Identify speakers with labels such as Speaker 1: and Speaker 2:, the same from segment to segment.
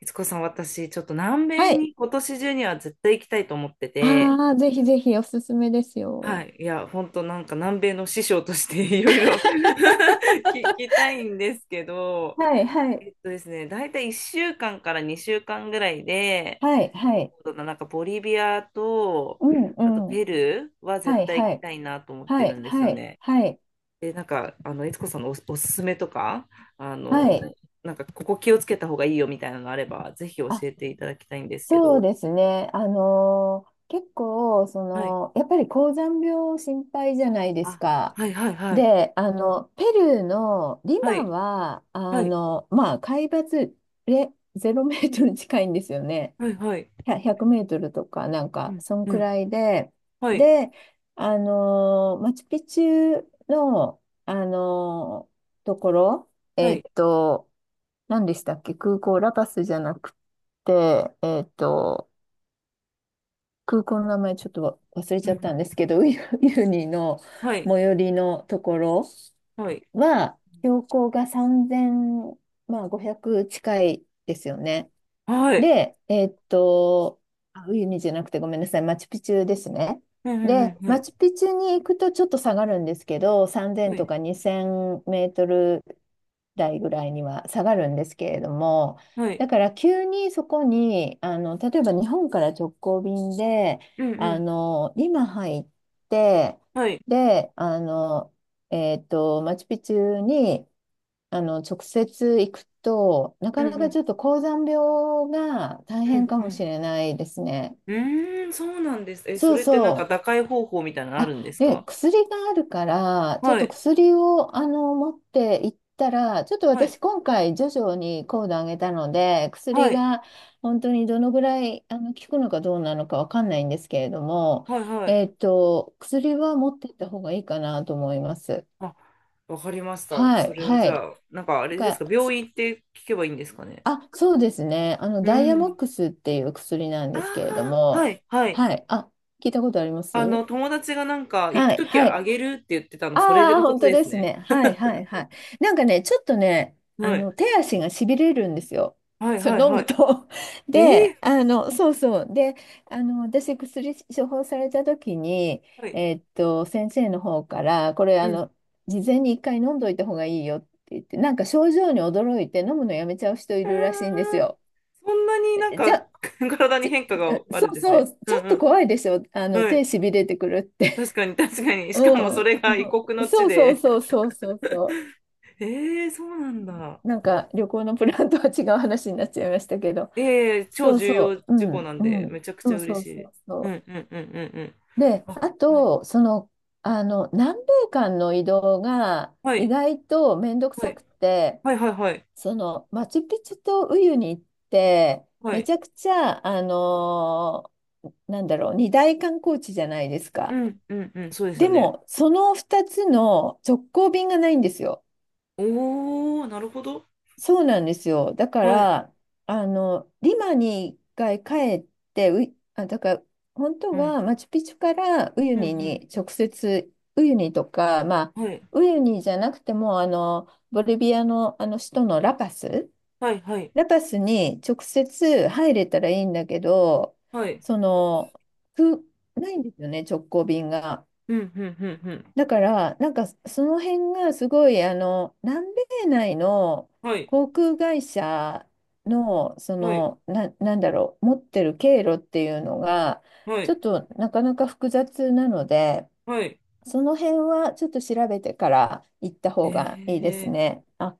Speaker 1: 悦子さん、私、ちょっと南
Speaker 2: は
Speaker 1: 米
Speaker 2: い。
Speaker 1: に今年中には絶対行きたいと思ってて、
Speaker 2: ああ、ぜひぜひおすすめです
Speaker 1: は
Speaker 2: よ。
Speaker 1: い、いや、本当なんか南米の師匠として いろいろ 聞き たいんですけど、
Speaker 2: はい、はい、
Speaker 1: えっとですね、大体1週間かんから2週間ぐらいで、
Speaker 2: はい、はい。
Speaker 1: そうだななんかボリビアと、
Speaker 2: うん、
Speaker 1: あと
Speaker 2: う
Speaker 1: ペ
Speaker 2: ん。
Speaker 1: ルーは絶
Speaker 2: はい、
Speaker 1: 対行
Speaker 2: は
Speaker 1: き
Speaker 2: い、
Speaker 1: たいなと思っ
Speaker 2: は
Speaker 1: てる
Speaker 2: い、
Speaker 1: んです
Speaker 2: は
Speaker 1: よ
Speaker 2: い、
Speaker 1: ね。
Speaker 2: はい、
Speaker 1: で、なんか、悦子さんのおすすめとか、あ
Speaker 2: は
Speaker 1: の、
Speaker 2: い。
Speaker 1: なんかここ気をつけた方がいいよみたいなのがあれば、ぜひ教
Speaker 2: あ、
Speaker 1: えていただきたいんですけ
Speaker 2: そう
Speaker 1: ど。
Speaker 2: ですね。結構、
Speaker 1: はい、
Speaker 2: やっぱり高山病心配じゃないです
Speaker 1: あ、
Speaker 2: か。
Speaker 1: はいはいはい。
Speaker 2: で、ペルーのリ
Speaker 1: は
Speaker 2: マ
Speaker 1: い。
Speaker 2: は、
Speaker 1: はい。
Speaker 2: まあ、海抜0メートル近いんですよね。
Speaker 1: はいはい。
Speaker 2: 100メートルとか、なん
Speaker 1: う
Speaker 2: か、
Speaker 1: ん。
Speaker 2: そん
Speaker 1: う
Speaker 2: く
Speaker 1: ん。
Speaker 2: らいで、
Speaker 1: はい。
Speaker 2: で、マチュピチュの、ところ、
Speaker 1: はい。
Speaker 2: 何でしたっけ、空港、ラパスじゃなくて、空港の名前ちょっと忘れ
Speaker 1: うん
Speaker 2: ち
Speaker 1: う
Speaker 2: ゃった
Speaker 1: ん。
Speaker 2: んですけど、ウユユニの
Speaker 1: はい。
Speaker 2: 最寄りのところ
Speaker 1: はい。
Speaker 2: は、標高が3 0まあ、500近いですよね。
Speaker 1: はい。
Speaker 2: で、あウユニじゃなくてごめんなさい、マチュピチュですね。
Speaker 1: うんうんう
Speaker 2: で、
Speaker 1: ん。は
Speaker 2: マ
Speaker 1: い。
Speaker 2: チュピチュに行くとちょっと下がるんですけど、3000
Speaker 1: は
Speaker 2: と
Speaker 1: い。
Speaker 2: か2000メートル台ぐらいには下がるんですけれども、
Speaker 1: はい。
Speaker 2: だから急にそこに、例えば日本から直行便で、
Speaker 1: うんうん。
Speaker 2: リマ入って、
Speaker 1: はい。
Speaker 2: で、マチュピチュに、直接行くと、な
Speaker 1: う
Speaker 2: か
Speaker 1: んう
Speaker 2: なかち
Speaker 1: ん。
Speaker 2: ょっと高山病が大
Speaker 1: う
Speaker 2: 変
Speaker 1: ん
Speaker 2: か
Speaker 1: う
Speaker 2: もし
Speaker 1: ん。
Speaker 2: れないですね。
Speaker 1: うーん、そうなんです。え、そ
Speaker 2: そう
Speaker 1: れってなんか
Speaker 2: そう。
Speaker 1: 打開方法みたいなのあ
Speaker 2: あ、
Speaker 1: るんです
Speaker 2: で、
Speaker 1: か？
Speaker 2: 薬があるから、ちょっ
Speaker 1: は
Speaker 2: と
Speaker 1: い。
Speaker 2: 薬を、持って行ったら、ちょっと
Speaker 1: はい。
Speaker 2: 私今回徐々に高度上げたので、薬
Speaker 1: はい。
Speaker 2: が本当にどのぐらい、効くのかどうなのかわかんないんですけれども、
Speaker 1: はい。はい。
Speaker 2: 薬は持って行った方がいいかなと思います。
Speaker 1: あ、わかりました。
Speaker 2: は
Speaker 1: そ
Speaker 2: い、
Speaker 1: れは
Speaker 2: は
Speaker 1: じゃ
Speaker 2: い。
Speaker 1: あ、なんかあ
Speaker 2: なん
Speaker 1: れです
Speaker 2: か
Speaker 1: か、病院って聞けばいいんですかね。
Speaker 2: あ、そうですね。
Speaker 1: う
Speaker 2: ダイヤモッ
Speaker 1: ん。
Speaker 2: クスっていう薬なん
Speaker 1: あ
Speaker 2: ですけれど
Speaker 1: あ、は
Speaker 2: も、
Speaker 1: い。はい。
Speaker 2: はい。あ、聞いたことあります。
Speaker 1: 友達がなんか、行く
Speaker 2: はい、
Speaker 1: とき
Speaker 2: は
Speaker 1: はあ
Speaker 2: い。
Speaker 1: げるって言ってたの、
Speaker 2: あ
Speaker 1: それ
Speaker 2: あ、
Speaker 1: のこ
Speaker 2: 本
Speaker 1: と
Speaker 2: 当
Speaker 1: で
Speaker 2: で
Speaker 1: す
Speaker 2: す
Speaker 1: ね。
Speaker 2: ね。はい、はい、はい。なんかね、ちょっとね、
Speaker 1: はい。
Speaker 2: 手足がしびれるんですよ。
Speaker 1: はい、
Speaker 2: そ
Speaker 1: は
Speaker 2: う、
Speaker 1: い、
Speaker 2: 飲
Speaker 1: は
Speaker 2: む
Speaker 1: い。
Speaker 2: と。
Speaker 1: え
Speaker 2: で、
Speaker 1: え
Speaker 2: そうそう。で、私、薬処方された時に、
Speaker 1: はい。
Speaker 2: 先生の方から、これ、
Speaker 1: うん。
Speaker 2: 事前に一回飲んどいた方がいいよって言って、なんか症状に驚いて飲むのやめちゃう人い
Speaker 1: あー、
Speaker 2: るらしいんですよ。
Speaker 1: そんなになん
Speaker 2: じ
Speaker 1: か、
Speaker 2: ゃ
Speaker 1: 体に
Speaker 2: ち
Speaker 1: 変化が
Speaker 2: ょ
Speaker 1: あ
Speaker 2: そ
Speaker 1: るん
Speaker 2: う
Speaker 1: です
Speaker 2: そ
Speaker 1: ね。
Speaker 2: う、
Speaker 1: う
Speaker 2: ちょっと
Speaker 1: ん
Speaker 2: 怖いでしょ。
Speaker 1: うん。は
Speaker 2: 手
Speaker 1: い。
Speaker 2: しびれてくるって。
Speaker 1: 確かに、確かに。し
Speaker 2: う
Speaker 1: かもそ
Speaker 2: ん。
Speaker 1: れ
Speaker 2: う
Speaker 1: が異
Speaker 2: ん
Speaker 1: 国の地
Speaker 2: そうそう
Speaker 1: で。
Speaker 2: そうそうそうそ
Speaker 1: ええ、そうなんだ。
Speaker 2: う。なんか旅行のプランとは違う話になっちゃいましたけど。
Speaker 1: ええ超
Speaker 2: そう
Speaker 1: 重要
Speaker 2: そう。う
Speaker 1: 事項
Speaker 2: ん。
Speaker 1: なんで、
Speaker 2: うん。
Speaker 1: めちゃくち
Speaker 2: そ
Speaker 1: ゃ
Speaker 2: うそ
Speaker 1: 嬉
Speaker 2: う
Speaker 1: し
Speaker 2: そ
Speaker 1: い。
Speaker 2: う
Speaker 1: う
Speaker 2: そ
Speaker 1: んうんうんうんうん。
Speaker 2: う。で、
Speaker 1: あ、
Speaker 2: あ
Speaker 1: はい。
Speaker 2: と、南米間の移動が
Speaker 1: は
Speaker 2: 意
Speaker 1: い。
Speaker 2: 外と面倒く
Speaker 1: は
Speaker 2: さ
Speaker 1: い。
Speaker 2: くて、
Speaker 1: はいはいはい。
Speaker 2: マチュピチュとウユに行って、
Speaker 1: は
Speaker 2: め
Speaker 1: い。
Speaker 2: ちゃくちゃ、なんだろう、二大観光地じゃないです
Speaker 1: う
Speaker 2: か。
Speaker 1: んうんうん。そうですよ
Speaker 2: で
Speaker 1: ね。
Speaker 2: も、その2つの直行便がないんですよ。
Speaker 1: おー、なるほど。
Speaker 2: そうなんですよ。だか
Speaker 1: はい。
Speaker 2: ら、リマに一回帰って、あ、だから、本
Speaker 1: う
Speaker 2: 当
Speaker 1: ん、
Speaker 2: はマチュピチュからウユ
Speaker 1: う
Speaker 2: ニ
Speaker 1: ん、
Speaker 2: に直接、ウユニとか、まあ、
Speaker 1: うん。はい、
Speaker 2: ウユニじゃなくても、ボリビアの、あの首都のラパス、
Speaker 1: はい、はい、
Speaker 2: ラパスに直接入れたらいいんだけど、
Speaker 1: はい。
Speaker 2: その、く、ないんですよね、直行便が。
Speaker 1: うん、うん、うん、うん。
Speaker 2: だから、なんかその辺がすごい、南米内の
Speaker 1: はい、
Speaker 2: 航空会社の、
Speaker 1: はい、
Speaker 2: なんだろう、持ってる経路っていうのが、
Speaker 1: は
Speaker 2: ちょっ
Speaker 1: い、
Speaker 2: となかなか複雑なので、
Speaker 1: はい。
Speaker 2: その辺はちょっと調べてから行った方がいいです
Speaker 1: ええ、
Speaker 2: ね。あ、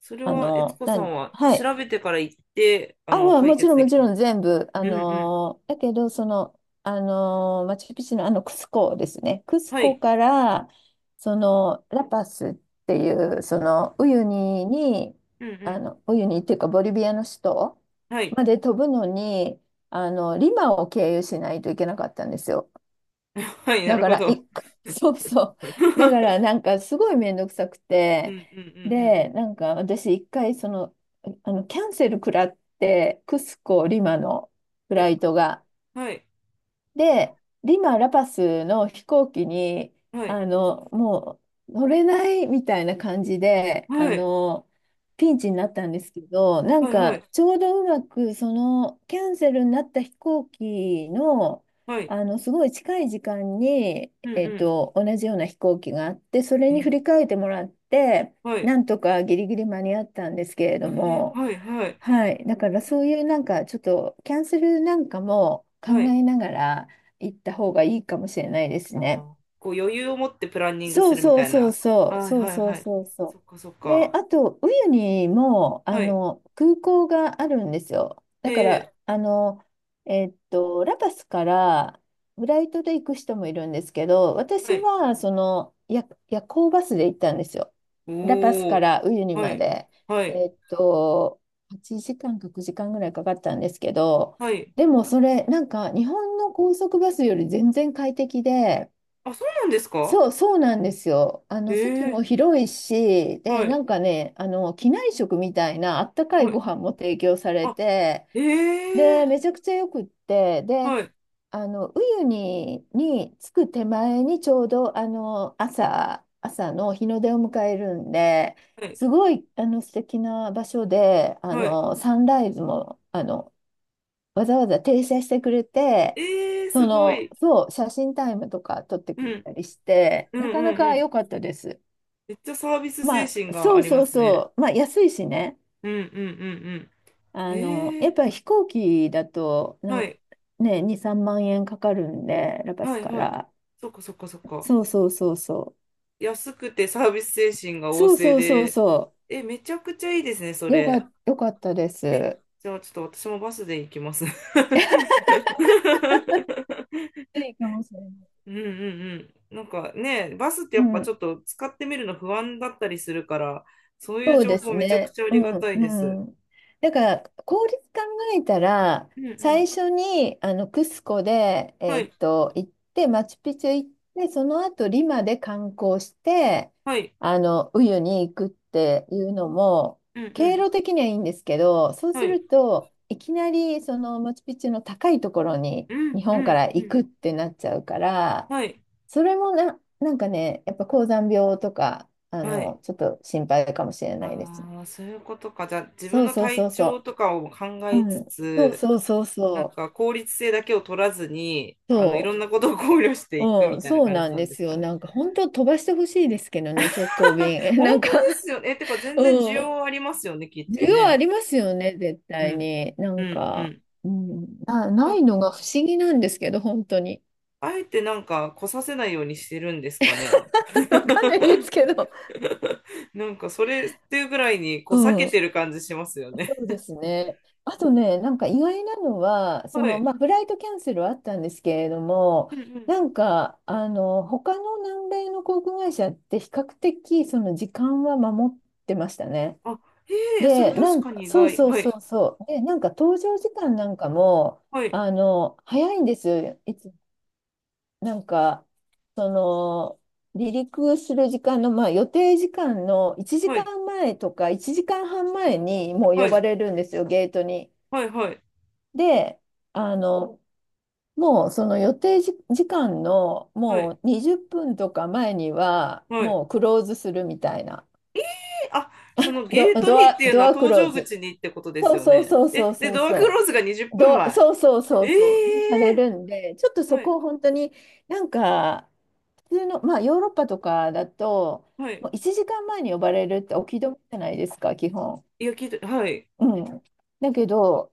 Speaker 1: それは、悦子さんは
Speaker 2: はい。
Speaker 1: 調べてから行って、
Speaker 2: あ、うん
Speaker 1: 解
Speaker 2: もち
Speaker 1: 決
Speaker 2: ろん
Speaker 1: で
Speaker 2: も
Speaker 1: き
Speaker 2: ち
Speaker 1: た。
Speaker 2: ろん全部。
Speaker 1: うん、うん。
Speaker 2: だけど、マチュピチュのクスコですね。クス
Speaker 1: は
Speaker 2: コ
Speaker 1: い、
Speaker 2: から、ラパスっていう、ウユニに、
Speaker 1: うん、うん。
Speaker 2: ウユニっていうか、ボリビアの首都
Speaker 1: はい、
Speaker 2: まで飛ぶのに、リマを経由しないといけなかったんですよ。
Speaker 1: はい、な
Speaker 2: だ
Speaker 1: る
Speaker 2: か
Speaker 1: ほ
Speaker 2: ら、
Speaker 1: ど。うん、
Speaker 2: そうそう。だから、なんか、すごいめんどくさく
Speaker 1: うん、
Speaker 2: て、
Speaker 1: うん、うん。
Speaker 2: で、なんか、私、一回、キャンセル食らって、クスコ、リマのフ
Speaker 1: は
Speaker 2: ラ
Speaker 1: い、
Speaker 2: イトが。
Speaker 1: はい、
Speaker 2: で、リマ・ラパスの飛行機に、
Speaker 1: はい、
Speaker 2: もう乗れないみたいな感じで、
Speaker 1: はい、
Speaker 2: ピンチになったんですけど、なん
Speaker 1: はい、は
Speaker 2: か、
Speaker 1: い、
Speaker 2: ちょうどうまく、キャンセルになった飛行機の、
Speaker 1: はい。
Speaker 2: すごい近い時間に、
Speaker 1: うん、うん。
Speaker 2: 同じような飛行機があって、それ
Speaker 1: え
Speaker 2: に
Speaker 1: ー
Speaker 2: 振り替えてもらって、
Speaker 1: はい、
Speaker 2: なんとかギリギリ間に合ったんですけれ
Speaker 1: え
Speaker 2: ど
Speaker 1: ー
Speaker 2: も、
Speaker 1: はい、はい、
Speaker 2: はい、だからそういうなんかちょっとキャンセルなんかも考
Speaker 1: はい。
Speaker 2: えながら行った方がいいかもしれないです
Speaker 1: あー、
Speaker 2: ね。
Speaker 1: こう余裕を持ってプランニング
Speaker 2: そ
Speaker 1: す
Speaker 2: う
Speaker 1: るみ
Speaker 2: そ
Speaker 1: た
Speaker 2: う
Speaker 1: い
Speaker 2: そう
Speaker 1: な。
Speaker 2: そう、
Speaker 1: はい
Speaker 2: そう
Speaker 1: はい
Speaker 2: そう
Speaker 1: はい。
Speaker 2: そう
Speaker 1: そ
Speaker 2: そ
Speaker 1: っかそっ
Speaker 2: う。で、
Speaker 1: か。
Speaker 2: あと、ウユニも、
Speaker 1: はい。
Speaker 2: 空港があるんですよ。
Speaker 1: え
Speaker 2: だから、
Speaker 1: え、
Speaker 2: ラパスからフライトで行く人もいるんですけど、
Speaker 1: は
Speaker 2: 私
Speaker 1: い。
Speaker 2: は、夜行バスで行ったんですよ。ラパス
Speaker 1: お
Speaker 2: か
Speaker 1: ー。
Speaker 2: らウユニ
Speaker 1: は
Speaker 2: ま
Speaker 1: い。
Speaker 2: で。
Speaker 1: はい。
Speaker 2: えっと、8時間か9時間ぐらいかかったんですけど、
Speaker 1: はい。
Speaker 2: でもそれ、なんか、日本の高速バスより全然快適で、
Speaker 1: あ、そうなんですか？
Speaker 2: そう、そうなんですよ。
Speaker 1: え
Speaker 2: 席も
Speaker 1: え、
Speaker 2: 広いし、
Speaker 1: は
Speaker 2: で、な
Speaker 1: い。
Speaker 2: んかね、機内食みたいなあったかい
Speaker 1: は
Speaker 2: ご
Speaker 1: い。
Speaker 2: 飯も提供され
Speaker 1: あ、
Speaker 2: て、
Speaker 1: え
Speaker 2: で、
Speaker 1: え、
Speaker 2: めちゃくちゃよくって、で、
Speaker 1: はい。
Speaker 2: ウユニに着く手前にちょうど、朝の日の出を迎えるんで、
Speaker 1: はい。
Speaker 2: すごい、素敵な場所で、
Speaker 1: はい。
Speaker 2: サンライズも、わざわざ停車してくれて、
Speaker 1: ええ、すごい。
Speaker 2: そう、写真タイムとか撮って
Speaker 1: う
Speaker 2: くれ
Speaker 1: ん。
Speaker 2: たりして、
Speaker 1: うん
Speaker 2: な
Speaker 1: う
Speaker 2: かな
Speaker 1: んう
Speaker 2: か
Speaker 1: ん。
Speaker 2: 良かったです。
Speaker 1: めっちゃサービス
Speaker 2: ま
Speaker 1: 精神
Speaker 2: あ、
Speaker 1: が
Speaker 2: そ
Speaker 1: あ
Speaker 2: う
Speaker 1: りま
Speaker 2: そう
Speaker 1: すね。
Speaker 2: そう、まあ、安いしね、
Speaker 1: うんうんうんうん。え
Speaker 2: やっ
Speaker 1: え、
Speaker 2: ぱり飛行機だと
Speaker 1: は
Speaker 2: な、
Speaker 1: い。
Speaker 2: ね、2、3万円かかるんで、ラパ
Speaker 1: は
Speaker 2: ス
Speaker 1: い
Speaker 2: か
Speaker 1: はい。
Speaker 2: ら。
Speaker 1: そっかそっかそっか。
Speaker 2: そうそうそうそ
Speaker 1: 安くてサービス精神が
Speaker 2: う。
Speaker 1: 旺
Speaker 2: そう
Speaker 1: 盛
Speaker 2: そうそう
Speaker 1: で、
Speaker 2: そ
Speaker 1: え、めちゃくちゃいいですね、そ
Speaker 2: う。
Speaker 1: れ。
Speaker 2: よかったで
Speaker 1: え、
Speaker 2: す。
Speaker 1: じゃあちょっと私もバスで行きます。
Speaker 2: ついかもしれない。
Speaker 1: うんうんうん。なんかね、バスって
Speaker 2: う
Speaker 1: やっぱち
Speaker 2: ん、
Speaker 1: ょっと使ってみるの不安だったりするから、そういう
Speaker 2: そう
Speaker 1: 情
Speaker 2: で
Speaker 1: 報
Speaker 2: す
Speaker 1: めちゃく
Speaker 2: ね。
Speaker 1: ちゃあ
Speaker 2: う
Speaker 1: りがた
Speaker 2: ん、
Speaker 1: いです。
Speaker 2: うん。だから、効率考えたら、
Speaker 1: うんうん。
Speaker 2: 最初にあのクスコで、
Speaker 1: はい、
Speaker 2: 行って、マチュピチュ行って、その後リマで観光して、
Speaker 1: はい、
Speaker 2: ウユに行くっていうのも、
Speaker 1: うんう
Speaker 2: 経
Speaker 1: ん。
Speaker 2: 路的にはいいんですけど、そう
Speaker 1: は
Speaker 2: す
Speaker 1: い、
Speaker 2: ると、いきなりそのマチュピチュの高いところに
Speaker 1: うん
Speaker 2: 日
Speaker 1: う
Speaker 2: 本か
Speaker 1: ん
Speaker 2: ら
Speaker 1: う
Speaker 2: 行
Speaker 1: ん。
Speaker 2: くってなっちゃうから、
Speaker 1: はい、
Speaker 2: それもな、なんかね、やっぱ高山病とか、
Speaker 1: はい。
Speaker 2: ちょっと心配かもしれないです。
Speaker 1: ああ、そういうことか。じゃあ自分
Speaker 2: そう
Speaker 1: の
Speaker 2: そうそ
Speaker 1: 体
Speaker 2: う
Speaker 1: 調
Speaker 2: そ
Speaker 1: とかを考
Speaker 2: う。
Speaker 1: え
Speaker 2: う
Speaker 1: つ
Speaker 2: ん。そう
Speaker 1: つ、
Speaker 2: そうそう
Speaker 1: なん
Speaker 2: そ
Speaker 1: か効率性だけを取らずに、
Speaker 2: う。
Speaker 1: いろ
Speaker 2: そ
Speaker 1: んなことを考慮していく
Speaker 2: う。う
Speaker 1: み
Speaker 2: ん、
Speaker 1: たいな
Speaker 2: そう
Speaker 1: 感
Speaker 2: な
Speaker 1: じ
Speaker 2: ん
Speaker 1: なん
Speaker 2: で
Speaker 1: です
Speaker 2: す
Speaker 1: か
Speaker 2: よ。
Speaker 1: ね。
Speaker 2: なんか本当飛ばしてほしいですけどね、直行便。
Speaker 1: 本
Speaker 2: なん
Speaker 1: 当
Speaker 2: か、
Speaker 1: ですよね。え、てか全
Speaker 2: う
Speaker 1: 然需
Speaker 2: ん。
Speaker 1: 要ありますよね、きっと
Speaker 2: 需要あ
Speaker 1: ね。
Speaker 2: りますよね、絶
Speaker 1: う
Speaker 2: 対
Speaker 1: ん。
Speaker 2: に。な
Speaker 1: う
Speaker 2: ん
Speaker 1: ん、う
Speaker 2: か、
Speaker 1: ん。
Speaker 2: うん、
Speaker 1: そう
Speaker 2: な
Speaker 1: だっ
Speaker 2: い
Speaker 1: た
Speaker 2: の
Speaker 1: ん
Speaker 2: が不
Speaker 1: だ。
Speaker 2: 思議なんですけど、本当に。
Speaker 1: あえてなんか来させないようにしてるんですかね。
Speaker 2: わかんないですけど。
Speaker 1: なんかそれっていうぐらいにこ
Speaker 2: う
Speaker 1: う避けてる
Speaker 2: ん。
Speaker 1: 感じしますよね。
Speaker 2: そうですね。あとね、なんか意外なのは、
Speaker 1: はい。
Speaker 2: まあ、フライトキャンセルはあったんですけれども、
Speaker 1: うんうん。
Speaker 2: なんか、他の南米の航空会社って比較的、その時間は守ってましたね。
Speaker 1: あ、へえ、それ
Speaker 2: で、な
Speaker 1: 確
Speaker 2: ん
Speaker 1: か
Speaker 2: か、
Speaker 1: に意
Speaker 2: そう
Speaker 1: 外。
Speaker 2: そう
Speaker 1: はい。
Speaker 2: そうそう。で、なんか搭乗時間なんかも、
Speaker 1: はい。
Speaker 2: 早いんですよ。なんか、その、離陸する時間の、まあ、予定時間の1
Speaker 1: は
Speaker 2: 時
Speaker 1: い。
Speaker 2: 間前とか1時間半前にもう
Speaker 1: は
Speaker 2: 呼ば
Speaker 1: い。
Speaker 2: れるんですよ、ゲートに。
Speaker 1: はい。はい。
Speaker 2: で、あの、もうその予定時、時間の
Speaker 1: はい。
Speaker 2: もう20分とか前には
Speaker 1: はい。は
Speaker 2: もう
Speaker 1: い。
Speaker 2: クローズするみたいな。
Speaker 1: あ、そのゲートにっていうの
Speaker 2: ド
Speaker 1: は
Speaker 2: アク
Speaker 1: 搭
Speaker 2: ロー
Speaker 1: 乗
Speaker 2: ズ。
Speaker 1: 口にってことです
Speaker 2: そう
Speaker 1: よ
Speaker 2: そう
Speaker 1: ね。
Speaker 2: そう
Speaker 1: え、
Speaker 2: そう
Speaker 1: で、
Speaker 2: そう
Speaker 1: ドアク
Speaker 2: そ
Speaker 1: ローズが20
Speaker 2: う。
Speaker 1: 分
Speaker 2: ドア、そうそうそ
Speaker 1: 前。
Speaker 2: う
Speaker 1: え
Speaker 2: そう。され
Speaker 1: え
Speaker 2: るんで、ちょっと
Speaker 1: ー
Speaker 2: そ
Speaker 1: はい、
Speaker 2: こを本当になんか、普通の、まあ、ヨーロッパとかだと、
Speaker 1: はい。
Speaker 2: もう1時間前に呼ばれるってお気止めじゃないですか、基本。
Speaker 1: いや、聞いて、はい、
Speaker 2: うん。だけど、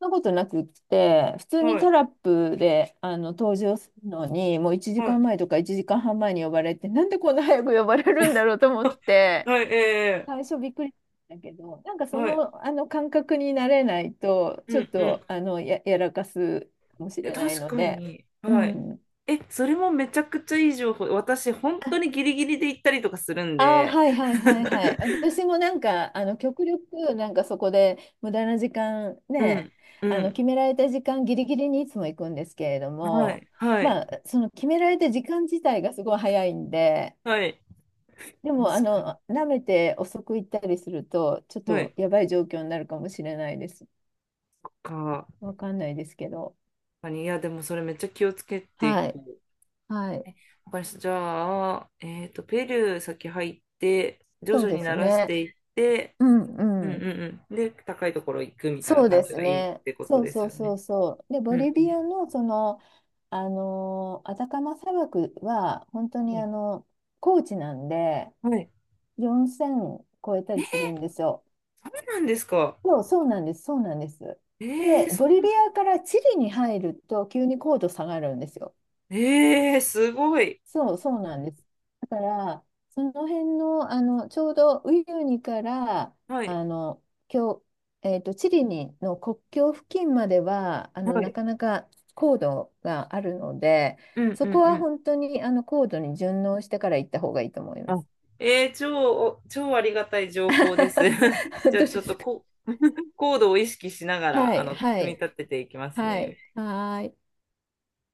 Speaker 2: そんなことなくって、普通に
Speaker 1: はい、
Speaker 2: タラップで登場するのに、もう1
Speaker 1: は
Speaker 2: 時
Speaker 1: い、
Speaker 2: 間前とか1時間半前に呼ばれて、なんでこんな早く呼ばれるんだろうと思って、
Speaker 1: はい、ええ
Speaker 2: 最初びっくりしたんだけど、なんかそ
Speaker 1: はい、
Speaker 2: の、あの感覚になれないと、
Speaker 1: う
Speaker 2: ちょっ
Speaker 1: ん、うん。
Speaker 2: とやらかすかもし
Speaker 1: え
Speaker 2: れない
Speaker 1: 確
Speaker 2: の
Speaker 1: か
Speaker 2: で、
Speaker 1: に、
Speaker 2: う
Speaker 1: はい。
Speaker 2: ん。
Speaker 1: え、それもめちゃくちゃいい情報。私、本当にギリギリで行ったりとかするん
Speaker 2: ああ、
Speaker 1: で。
Speaker 2: はいはいはいはい。私もなんか、極力、なんかそこで無駄な時間
Speaker 1: う
Speaker 2: ね、
Speaker 1: ん、うん。
Speaker 2: 決められた時間ギリギリにいつも行くんですけれど
Speaker 1: は
Speaker 2: も、
Speaker 1: い、はい、
Speaker 2: まあ、その決められた時間自体がすごい早いんで、
Speaker 1: はい。
Speaker 2: でも、
Speaker 1: 確かに。
Speaker 2: 舐めて遅く行ったりすると、ちょっ
Speaker 1: は
Speaker 2: と
Speaker 1: い。
Speaker 2: やばい状況になるかもしれないです。わ
Speaker 1: 確
Speaker 2: かんないですけど。
Speaker 1: かに。いや、でもそれめっちゃ気をつけてい
Speaker 2: はい。
Speaker 1: く。
Speaker 2: はい。
Speaker 1: わかりました。じゃあ、えっと、ペルー先入って、徐
Speaker 2: そう
Speaker 1: 々
Speaker 2: で
Speaker 1: に
Speaker 2: す
Speaker 1: 慣らし
Speaker 2: ね。
Speaker 1: ていって、
Speaker 2: うん
Speaker 1: うん
Speaker 2: う
Speaker 1: う
Speaker 2: ん。
Speaker 1: んうん。で、高いところ行くみたいな
Speaker 2: そう
Speaker 1: 感
Speaker 2: で
Speaker 1: じ
Speaker 2: す
Speaker 1: がいいっ
Speaker 2: ね。
Speaker 1: てこと
Speaker 2: そう
Speaker 1: です
Speaker 2: そう
Speaker 1: よ
Speaker 2: そ
Speaker 1: ね。
Speaker 2: うそう。で、
Speaker 1: う
Speaker 2: ボ
Speaker 1: んうん。
Speaker 2: リビアのアタカマ砂漠は本当
Speaker 1: は
Speaker 2: に
Speaker 1: い。
Speaker 2: 高地なんで
Speaker 1: はい。
Speaker 2: 4000超えた
Speaker 1: え
Speaker 2: り
Speaker 1: ー、
Speaker 2: するんですよ。
Speaker 1: そうなんですか。
Speaker 2: そう、そうなんです、そうなんです。
Speaker 1: え
Speaker 2: で、
Speaker 1: ー、そ
Speaker 2: ボ
Speaker 1: ん
Speaker 2: リ
Speaker 1: な
Speaker 2: ビ
Speaker 1: とこ。
Speaker 2: アからチリに入ると急に高度下がるんですよ。
Speaker 1: えー、すごい。
Speaker 2: そう、そうなんです。だから、その辺の、ちょうどウユニから、
Speaker 1: はい。
Speaker 2: あの、今日、チリにの国境付近までは、
Speaker 1: は
Speaker 2: な
Speaker 1: い。
Speaker 2: かなか高度があるので、
Speaker 1: うんう
Speaker 2: そこ
Speaker 1: んう
Speaker 2: は
Speaker 1: ん。
Speaker 2: 本当に、高度に順応してから行った方がいいと思いま
Speaker 1: あ、
Speaker 2: す。
Speaker 1: えー、超ありがたい情報です。じ
Speaker 2: 本
Speaker 1: ゃあ、
Speaker 2: 当で
Speaker 1: ちょっ
Speaker 2: す
Speaker 1: と
Speaker 2: か。
Speaker 1: こ、コードを意識しなが
Speaker 2: は
Speaker 1: ら、
Speaker 2: い、は
Speaker 1: 組み
Speaker 2: い、
Speaker 1: 立てていきます
Speaker 2: は
Speaker 1: ね。
Speaker 2: い、はーい。